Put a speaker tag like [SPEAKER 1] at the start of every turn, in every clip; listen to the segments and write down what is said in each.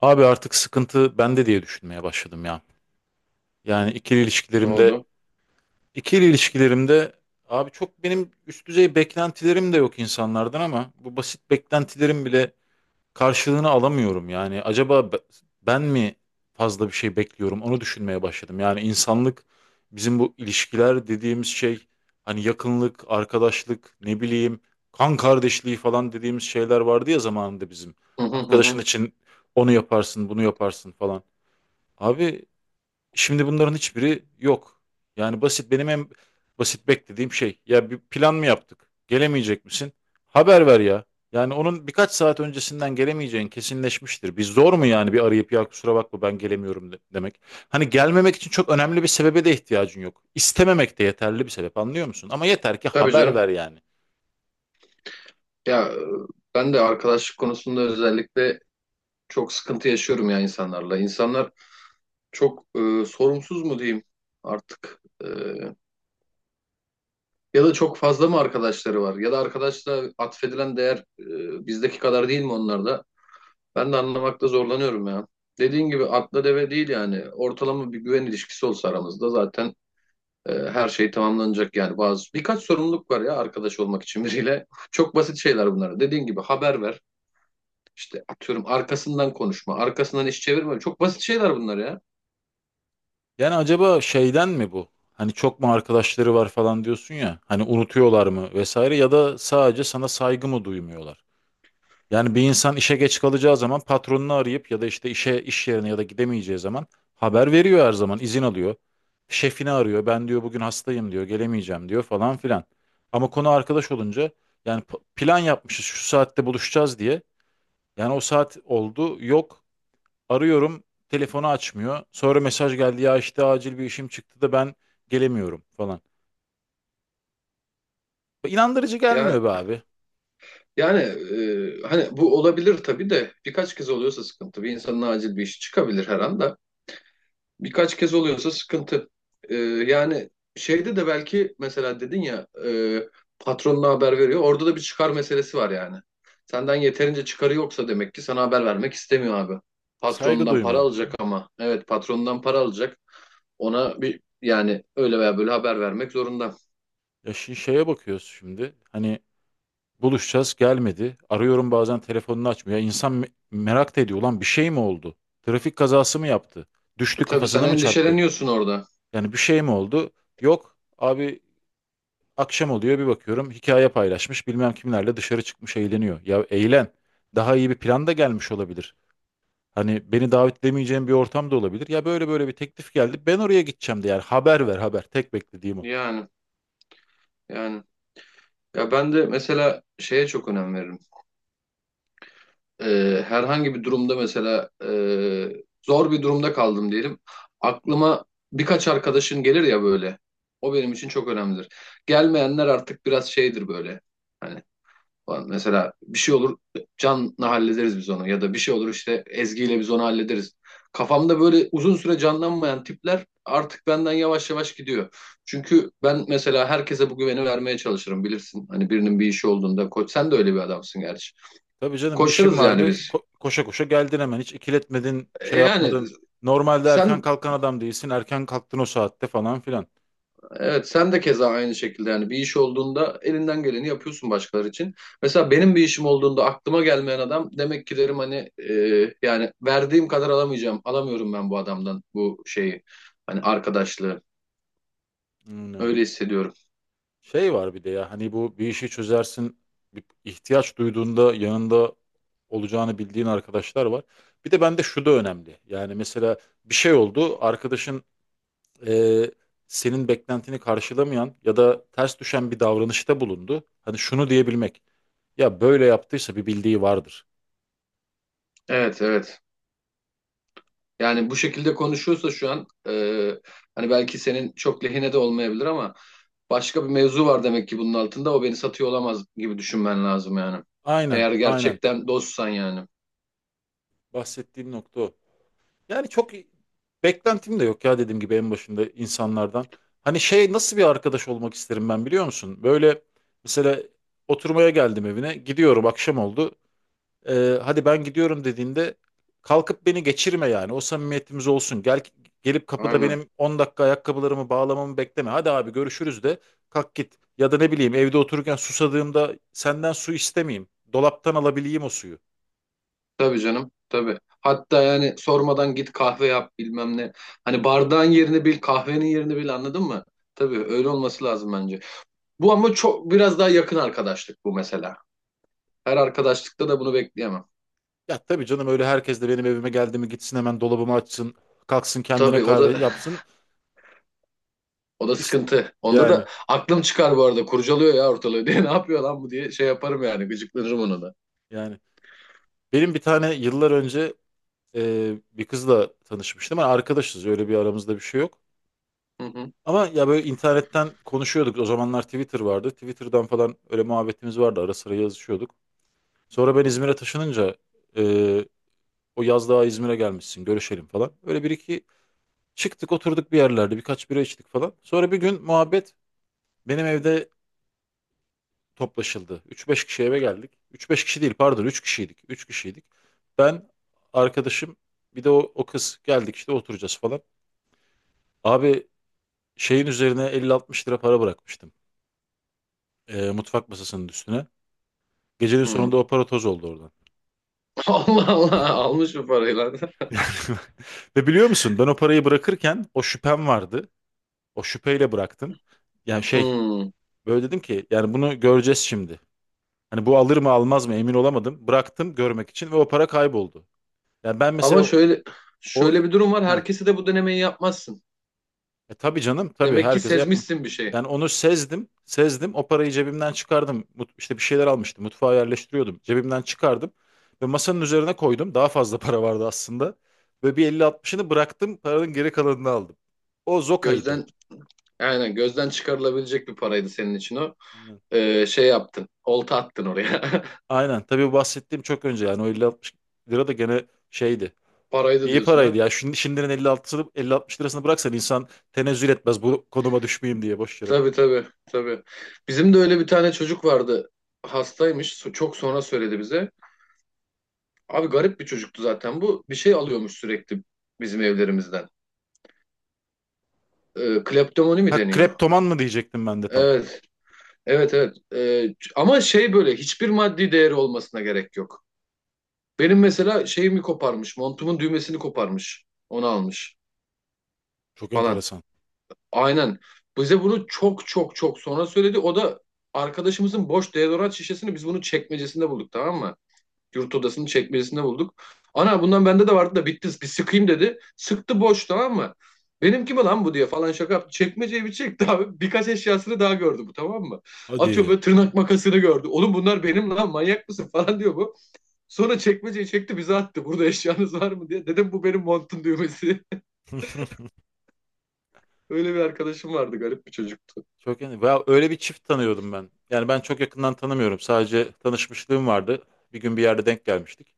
[SPEAKER 1] Abi artık sıkıntı bende diye düşünmeye başladım ya. Yani
[SPEAKER 2] Ne oldu?
[SPEAKER 1] ikili ilişkilerimde abi çok benim üst düzey beklentilerim de yok insanlardan ama bu basit beklentilerim bile karşılığını alamıyorum. Yani acaba ben mi fazla bir şey bekliyorum onu düşünmeye başladım. Yani insanlık bizim bu ilişkiler dediğimiz şey hani yakınlık, arkadaşlık, ne bileyim kan kardeşliği falan dediğimiz şeyler vardı ya zamanında bizim.
[SPEAKER 2] Hı hı hı.
[SPEAKER 1] Arkadaşın
[SPEAKER 2] Hı.
[SPEAKER 1] için onu yaparsın, bunu yaparsın falan. Abi şimdi bunların hiçbiri yok. Yani basit benim en basit beklediğim şey. Ya bir plan mı yaptık? Gelemeyecek misin? Haber ver ya. Yani onun birkaç saat öncesinden gelemeyeceğin kesinleşmiştir. Bir zor mu yani bir arayıp ya kusura bakma ben gelemiyorum demek. Hani gelmemek için çok önemli bir sebebe de ihtiyacın yok. İstememek de yeterli bir sebep anlıyor musun? Ama yeter ki
[SPEAKER 2] Tabii
[SPEAKER 1] haber
[SPEAKER 2] canım.
[SPEAKER 1] ver yani.
[SPEAKER 2] Ya e, Ben de arkadaşlık konusunda özellikle çok sıkıntı yaşıyorum ya insanlarla. İnsanlar çok sorumsuz mu diyeyim artık? Ya da çok fazla mı arkadaşları var? Ya da arkadaşla atfedilen değer bizdeki kadar değil mi onlarda? Ben de anlamakta zorlanıyorum ya. Dediğin gibi atla deve değil yani. Ortalama bir güven ilişkisi olsa aramızda zaten. Her şey tamamlanacak yani, bazı birkaç sorumluluk var ya arkadaş olmak için biriyle. Çok basit şeyler bunlar. Dediğin gibi haber ver. İşte atıyorum, arkasından konuşma, arkasından iş çevirme. Çok basit şeyler bunlar ya.
[SPEAKER 1] Yani acaba şeyden mi bu? Hani çok mu arkadaşları var falan diyorsun ya. Hani unutuyorlar mı vesaire ya da sadece sana saygı mı duymuyorlar? Yani bir insan işe geç kalacağı zaman patronunu arayıp ya da işte işe iş yerine ya da gidemeyeceği zaman haber veriyor her zaman izin alıyor. Şefini arıyor ben diyor bugün hastayım diyor gelemeyeceğim diyor falan filan. Ama konu arkadaş olunca yani plan yapmışız şu saatte buluşacağız diye. Yani o saat oldu yok arıyorum telefonu açmıyor. Sonra mesaj geldi ya işte acil bir işim çıktı da ben gelemiyorum falan. İnandırıcı
[SPEAKER 2] Ya,
[SPEAKER 1] gelmiyor be abi
[SPEAKER 2] yani hani bu olabilir tabii de birkaç kez oluyorsa sıkıntı. Bir insanın acil bir işi çıkabilir her anda. Birkaç kez oluyorsa sıkıntı. Ee, Yani şeyde de belki, mesela dedin ya, patronuna haber veriyor. Orada da bir çıkar meselesi var yani. Senden yeterince çıkarı yoksa demek ki sana haber vermek istemiyor abi.
[SPEAKER 1] saygı
[SPEAKER 2] Patronundan para
[SPEAKER 1] duymuyor.
[SPEAKER 2] alacak ama. Evet, patronundan para alacak. Ona bir yani öyle veya böyle haber vermek zorunda.
[SPEAKER 1] Ya şeye bakıyoruz şimdi hani buluşacağız gelmedi. Arıyorum bazen telefonunu açmıyor. Ya İnsan merak da ediyor. Ulan bir şey mi oldu? Trafik kazası mı yaptı? Düştü
[SPEAKER 2] Tabii, sen
[SPEAKER 1] kafasına mı çarptı?
[SPEAKER 2] endişeleniyorsun orada.
[SPEAKER 1] Yani bir şey mi oldu? Yok abi akşam oluyor bir bakıyorum hikaye paylaşmış bilmem kimlerle dışarı çıkmış eğleniyor. Ya eğlen daha iyi bir plan da gelmiş olabilir. Hani beni davet edemeyeceğim bir ortam da olabilir. Ya böyle böyle bir teklif geldi ben oraya gideceğim de yani haber ver haber tek beklediğim o.
[SPEAKER 2] Yani yani. Ya ben de mesela şeye çok önem veririm. Herhangi bir durumda mesela, zor bir durumda kaldım diyelim. Aklıma birkaç arkadaşın gelir ya böyle. O benim için çok önemlidir. Gelmeyenler artık biraz şeydir böyle. Hani falan. Mesela bir şey olur, Can'la hallederiz biz onu, ya da bir şey olur işte Ezgi'yle biz onu hallederiz. Kafamda böyle uzun süre canlanmayan tipler artık benden yavaş yavaş gidiyor. Çünkü ben mesela herkese bu güveni vermeye çalışırım bilirsin. Hani birinin bir işi olduğunda, koç sen de öyle bir adamsın gerçi.
[SPEAKER 1] Tabii canım işim
[SPEAKER 2] Koşarız yani
[SPEAKER 1] vardı.
[SPEAKER 2] biz.
[SPEAKER 1] Koşa koşa geldin hemen. Hiç ikiletmedin,
[SPEAKER 2] E,
[SPEAKER 1] şey
[SPEAKER 2] Yani
[SPEAKER 1] yapmadın. Normalde erken
[SPEAKER 2] sen
[SPEAKER 1] kalkan adam değilsin. Erken kalktın o saatte falan filan.
[SPEAKER 2] evet sen de keza aynı şekilde yani, bir iş olduğunda elinden geleni yapıyorsun başkaları için. Mesela benim bir işim olduğunda aklıma gelmeyen adam, demek ki derim hani, yani verdiğim kadar alamayacağım. Alamıyorum ben bu adamdan bu şeyi, hani arkadaşlığı.
[SPEAKER 1] Hmm.
[SPEAKER 2] Öyle hissediyorum.
[SPEAKER 1] Şey var bir de ya hani bu bir işi çözersin. Bir ihtiyaç duyduğunda yanında olacağını bildiğin arkadaşlar var. Bir de bende şu da önemli. Yani mesela bir şey oldu. Arkadaşın e, senin beklentini karşılamayan ya da ters düşen bir davranışta bulundu. Hani şunu diyebilmek. Ya böyle yaptıysa bir bildiği vardır.
[SPEAKER 2] Evet, evet. Yani bu şekilde konuşuyorsa şu an, hani belki senin çok lehine de olmayabilir ama başka bir mevzu var demek ki bunun altında, o beni satıyor olamaz gibi düşünmen lazım yani.
[SPEAKER 1] Aynen,
[SPEAKER 2] Eğer
[SPEAKER 1] aynen.
[SPEAKER 2] gerçekten dostsan yani.
[SPEAKER 1] Bahsettiğim nokta o. Yani çok beklentim de yok ya dediğim gibi en başında insanlardan. Hani şey nasıl bir arkadaş olmak isterim ben biliyor musun? Böyle mesela oturmaya geldim evine gidiyorum akşam oldu. Hadi ben gidiyorum dediğinde kalkıp beni geçirme yani o samimiyetimiz olsun. Gel gelip kapıda
[SPEAKER 2] Aynen.
[SPEAKER 1] benim 10 dakika ayakkabılarımı bağlamamı bekleme. Hadi abi görüşürüz de kalk git. Ya da ne bileyim evde otururken susadığımda senden su istemeyeyim. Dolaptan alabileyim o suyu.
[SPEAKER 2] Tabii canım. Tabii. Hatta yani sormadan git, kahve yap bilmem ne. Hani bardağın yerini bil, kahvenin yerini bil, anladın mı? Tabii, öyle olması lazım bence. Bu ama çok biraz daha yakın arkadaşlık bu mesela. Her arkadaşlıkta da bunu bekleyemem.
[SPEAKER 1] Ya tabii canım öyle herkes de benim evime geldi mi gitsin hemen dolabımı açsın. Kalksın kendine
[SPEAKER 2] Tabii o
[SPEAKER 1] kahve
[SPEAKER 2] da
[SPEAKER 1] yapsın.
[SPEAKER 2] o da
[SPEAKER 1] İşte
[SPEAKER 2] sıkıntı. Onda da
[SPEAKER 1] yani
[SPEAKER 2] aklım çıkar bu arada. Kurcalıyor ya ortalığı diye. Ne yapıyor lan bu diye şey yaparım yani. Gıcıklanırım ona da.
[SPEAKER 1] yani. Benim bir tane yıllar önce bir kızla tanışmıştım. Ama arkadaşız öyle bir aramızda bir şey yok.
[SPEAKER 2] Hı hı.
[SPEAKER 1] Ama ya böyle internetten konuşuyorduk. O zamanlar Twitter vardı. Twitter'dan falan öyle muhabbetimiz vardı. Ara sıra yazışıyorduk. Sonra ben İzmir'e taşınınca e, o yaz daha İzmir'e gelmişsin görüşelim falan. Öyle bir iki çıktık oturduk bir yerlerde birkaç bira içtik falan. Sonra bir gün muhabbet benim evde toplaşıldı. Üç beş kişi eve geldik. Üç beş kişi değil pardon 3 kişiydik. 3 kişiydik. Ben, arkadaşım bir de o, o kız geldik işte oturacağız falan. Abi şeyin üzerine 50-60 lira para bırakmıştım. Mutfak masasının üstüne. Gecenin
[SPEAKER 2] Hı.
[SPEAKER 1] sonunda o para toz oldu oradan.
[SPEAKER 2] Allah Allah, almış bu parayı lan.
[SPEAKER 1] Yani, ve biliyor musun ben o parayı bırakırken o şüphem vardı. O şüpheyle bıraktım. Yani şey
[SPEAKER 2] Hı.
[SPEAKER 1] böyle dedim ki yani bunu göreceğiz şimdi. Hani bu alır mı almaz mı emin olamadım. Bıraktım görmek için ve o para kayboldu. Yani ben mesela
[SPEAKER 2] Ama
[SPEAKER 1] o...
[SPEAKER 2] şöyle
[SPEAKER 1] o-
[SPEAKER 2] şöyle bir durum var.
[SPEAKER 1] Heh.
[SPEAKER 2] Herkese de bu denemeyi yapmazsın.
[SPEAKER 1] E tabii canım tabii
[SPEAKER 2] Demek ki
[SPEAKER 1] herkese yapma.
[SPEAKER 2] sezmişsin bir şey.
[SPEAKER 1] Yani onu sezdim. Sezdim. O parayı cebimden çıkardım. İşte bir şeyler almıştım. Mutfağa yerleştiriyordum. Cebimden çıkardım. Ve masanın üzerine koydum. Daha fazla para vardı aslında. Ve bir 50-60'ını bıraktım. Paranın geri kalanını aldım. O Zoka'ydı.
[SPEAKER 2] Gözden aynen, gözden çıkarılabilecek bir paraydı senin için o.
[SPEAKER 1] Aynen.
[SPEAKER 2] Şey yaptın. Olta attın oraya.
[SPEAKER 1] Aynen. Tabii bu bahsettiğim çok önce yani. O 50-60 lira da gene şeydi.
[SPEAKER 2] Paraydı
[SPEAKER 1] İyi
[SPEAKER 2] diyorsun
[SPEAKER 1] paraydı
[SPEAKER 2] ha.
[SPEAKER 1] ya. Şimdi, şimdinin 50-60'ını 50-60 lirasını bıraksan insan tenezzül etmez. Bu konuma düşmeyeyim diye boş yere.
[SPEAKER 2] Tabii, tabii, tabii. Bizim de öyle bir tane çocuk vardı. Hastaymış. Çok sonra söyledi bize. Abi garip bir çocuktu zaten bu. Bir şey alıyormuş sürekli bizim evlerimizden. Kleptomani mi
[SPEAKER 1] Ha
[SPEAKER 2] deniyor?
[SPEAKER 1] kreptoman mı diyecektim ben de tam.
[SPEAKER 2] Evet. Evet, evet. Ama şey, böyle hiçbir maddi değeri olmasına gerek yok. Benim mesela şeyimi koparmış. Montumun düğmesini koparmış. Onu almış.
[SPEAKER 1] Çok
[SPEAKER 2] Falan.
[SPEAKER 1] enteresan.
[SPEAKER 2] Aynen. Bize bunu çok çok çok sonra söyledi. O da arkadaşımızın boş deodorant şişesini, biz bunu çekmecesinde bulduk tamam mı? Yurt odasının çekmecesinde bulduk. Ana bundan bende de vardı da bitti, bir sıkayım dedi. Sıktı, boş, tamam mı? Benimki mi lan bu diye falan şaka yaptı. Çekmeceyi bir çekti abi. Birkaç eşyasını daha gördü bu, tamam mı? Atıyorum
[SPEAKER 1] Hadi.
[SPEAKER 2] böyle tırnak makasını gördü. Oğlum bunlar benim lan, manyak mısın falan diyor bu. Sonra çekmeceyi çekti bize attı. Burada eşyanız var mı diye. Dedim, bu benim montun düğmesi. Öyle bir arkadaşım vardı, garip bir çocuktu.
[SPEAKER 1] Çok yani ya öyle bir çift tanıyordum ben. Yani ben çok yakından tanımıyorum. Sadece tanışmışlığım vardı. Bir gün bir yerde denk gelmiştik.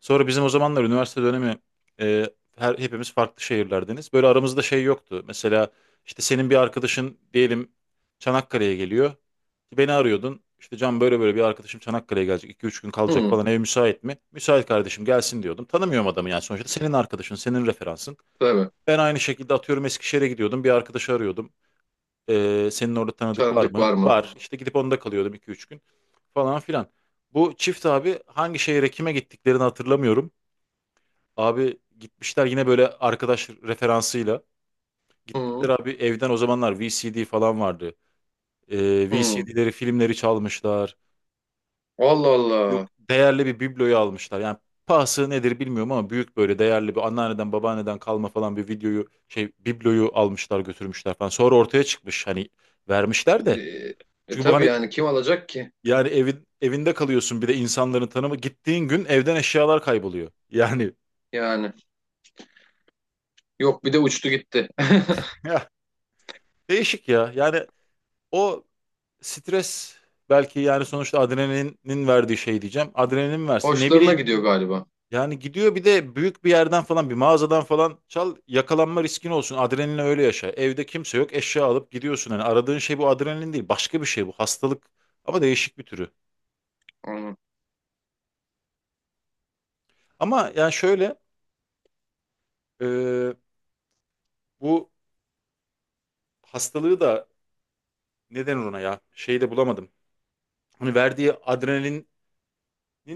[SPEAKER 1] Sonra bizim o zamanlar üniversite dönemi e, hepimiz farklı şehirlerdeniz. Böyle aramızda şey yoktu. Mesela işte senin bir arkadaşın diyelim Çanakkale'ye geliyor. Beni arıyordun. İşte Can böyle böyle bir arkadaşım Çanakkale'ye gelecek. 2 üç gün kalacak
[SPEAKER 2] Hı.
[SPEAKER 1] falan. Ev müsait mi? Müsait kardeşim gelsin diyordum. Tanımıyorum adamı yani sonuçta. Senin arkadaşın, senin referansın.
[SPEAKER 2] Tabii.
[SPEAKER 1] Ben aynı şekilde atıyorum Eskişehir'e gidiyordum. Bir arkadaşı arıyordum. Senin orada tanıdık var
[SPEAKER 2] Tanıdık
[SPEAKER 1] mı?
[SPEAKER 2] var mı?
[SPEAKER 1] Var. İşte gidip onda kalıyordum iki üç gün falan filan. Bu çift abi hangi şehre kime gittiklerini hatırlamıyorum. Abi gitmişler yine böyle arkadaş referansıyla. Gitmişler
[SPEAKER 2] Hı
[SPEAKER 1] abi evden o zamanlar VCD falan vardı.
[SPEAKER 2] hı.
[SPEAKER 1] VCD'leri, filmleri çalmışlar.
[SPEAKER 2] Allah
[SPEAKER 1] Yok
[SPEAKER 2] Allah.
[SPEAKER 1] değerli bir bibloyu almışlar. Yani pahası nedir bilmiyorum ama büyük böyle değerli bir anneanneden babaanneden kalma falan bir videoyu şey bibloyu almışlar götürmüşler falan. Sonra ortaya çıkmış hani vermişler
[SPEAKER 2] E,
[SPEAKER 1] de.
[SPEAKER 2] E
[SPEAKER 1] Çünkü bu
[SPEAKER 2] tabii
[SPEAKER 1] hani
[SPEAKER 2] yani, kim alacak ki?
[SPEAKER 1] yani evin evinde kalıyorsun bir de insanların tanımı. Gittiğin gün evden eşyalar kayboluyor. Yani
[SPEAKER 2] Yani. Yok, bir de uçtu gitti.
[SPEAKER 1] ya, değişik ya. Yani o stres belki yani sonuçta adrenalinin verdiği şey diyeceğim. Adrenalin versin ne
[SPEAKER 2] Hoşlarına
[SPEAKER 1] bileyim.
[SPEAKER 2] gidiyor galiba.
[SPEAKER 1] Yani gidiyor bir de büyük bir yerden falan bir mağazadan falan çal yakalanma riskin olsun. Adrenalin öyle yaşa. Evde kimse yok eşya alıp gidiyorsun. Yani aradığın şey bu adrenalin değil başka bir şey bu hastalık ama değişik bir türü.
[SPEAKER 2] Hı.
[SPEAKER 1] Ama yani şöyle e, bu hastalığı da neden ona ya? Şeyi de bulamadım. Hani verdiği adrenalinin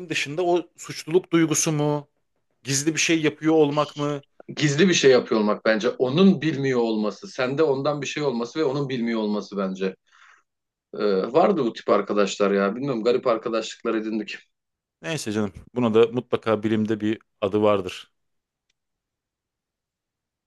[SPEAKER 1] dışında o suçluluk duygusu mu? Gizli bir şey yapıyor olmak mı?
[SPEAKER 2] Gizli bir şey yapıyor olmak bence. Onun bilmiyor olması. Sende ondan bir şey olması ve onun bilmiyor olması bence. Ee, Vardı bu tip arkadaşlar ya. Bilmiyorum, garip arkadaşlıklar edindik.
[SPEAKER 1] Neyse canım. Buna da mutlaka bilimde bir adı vardır.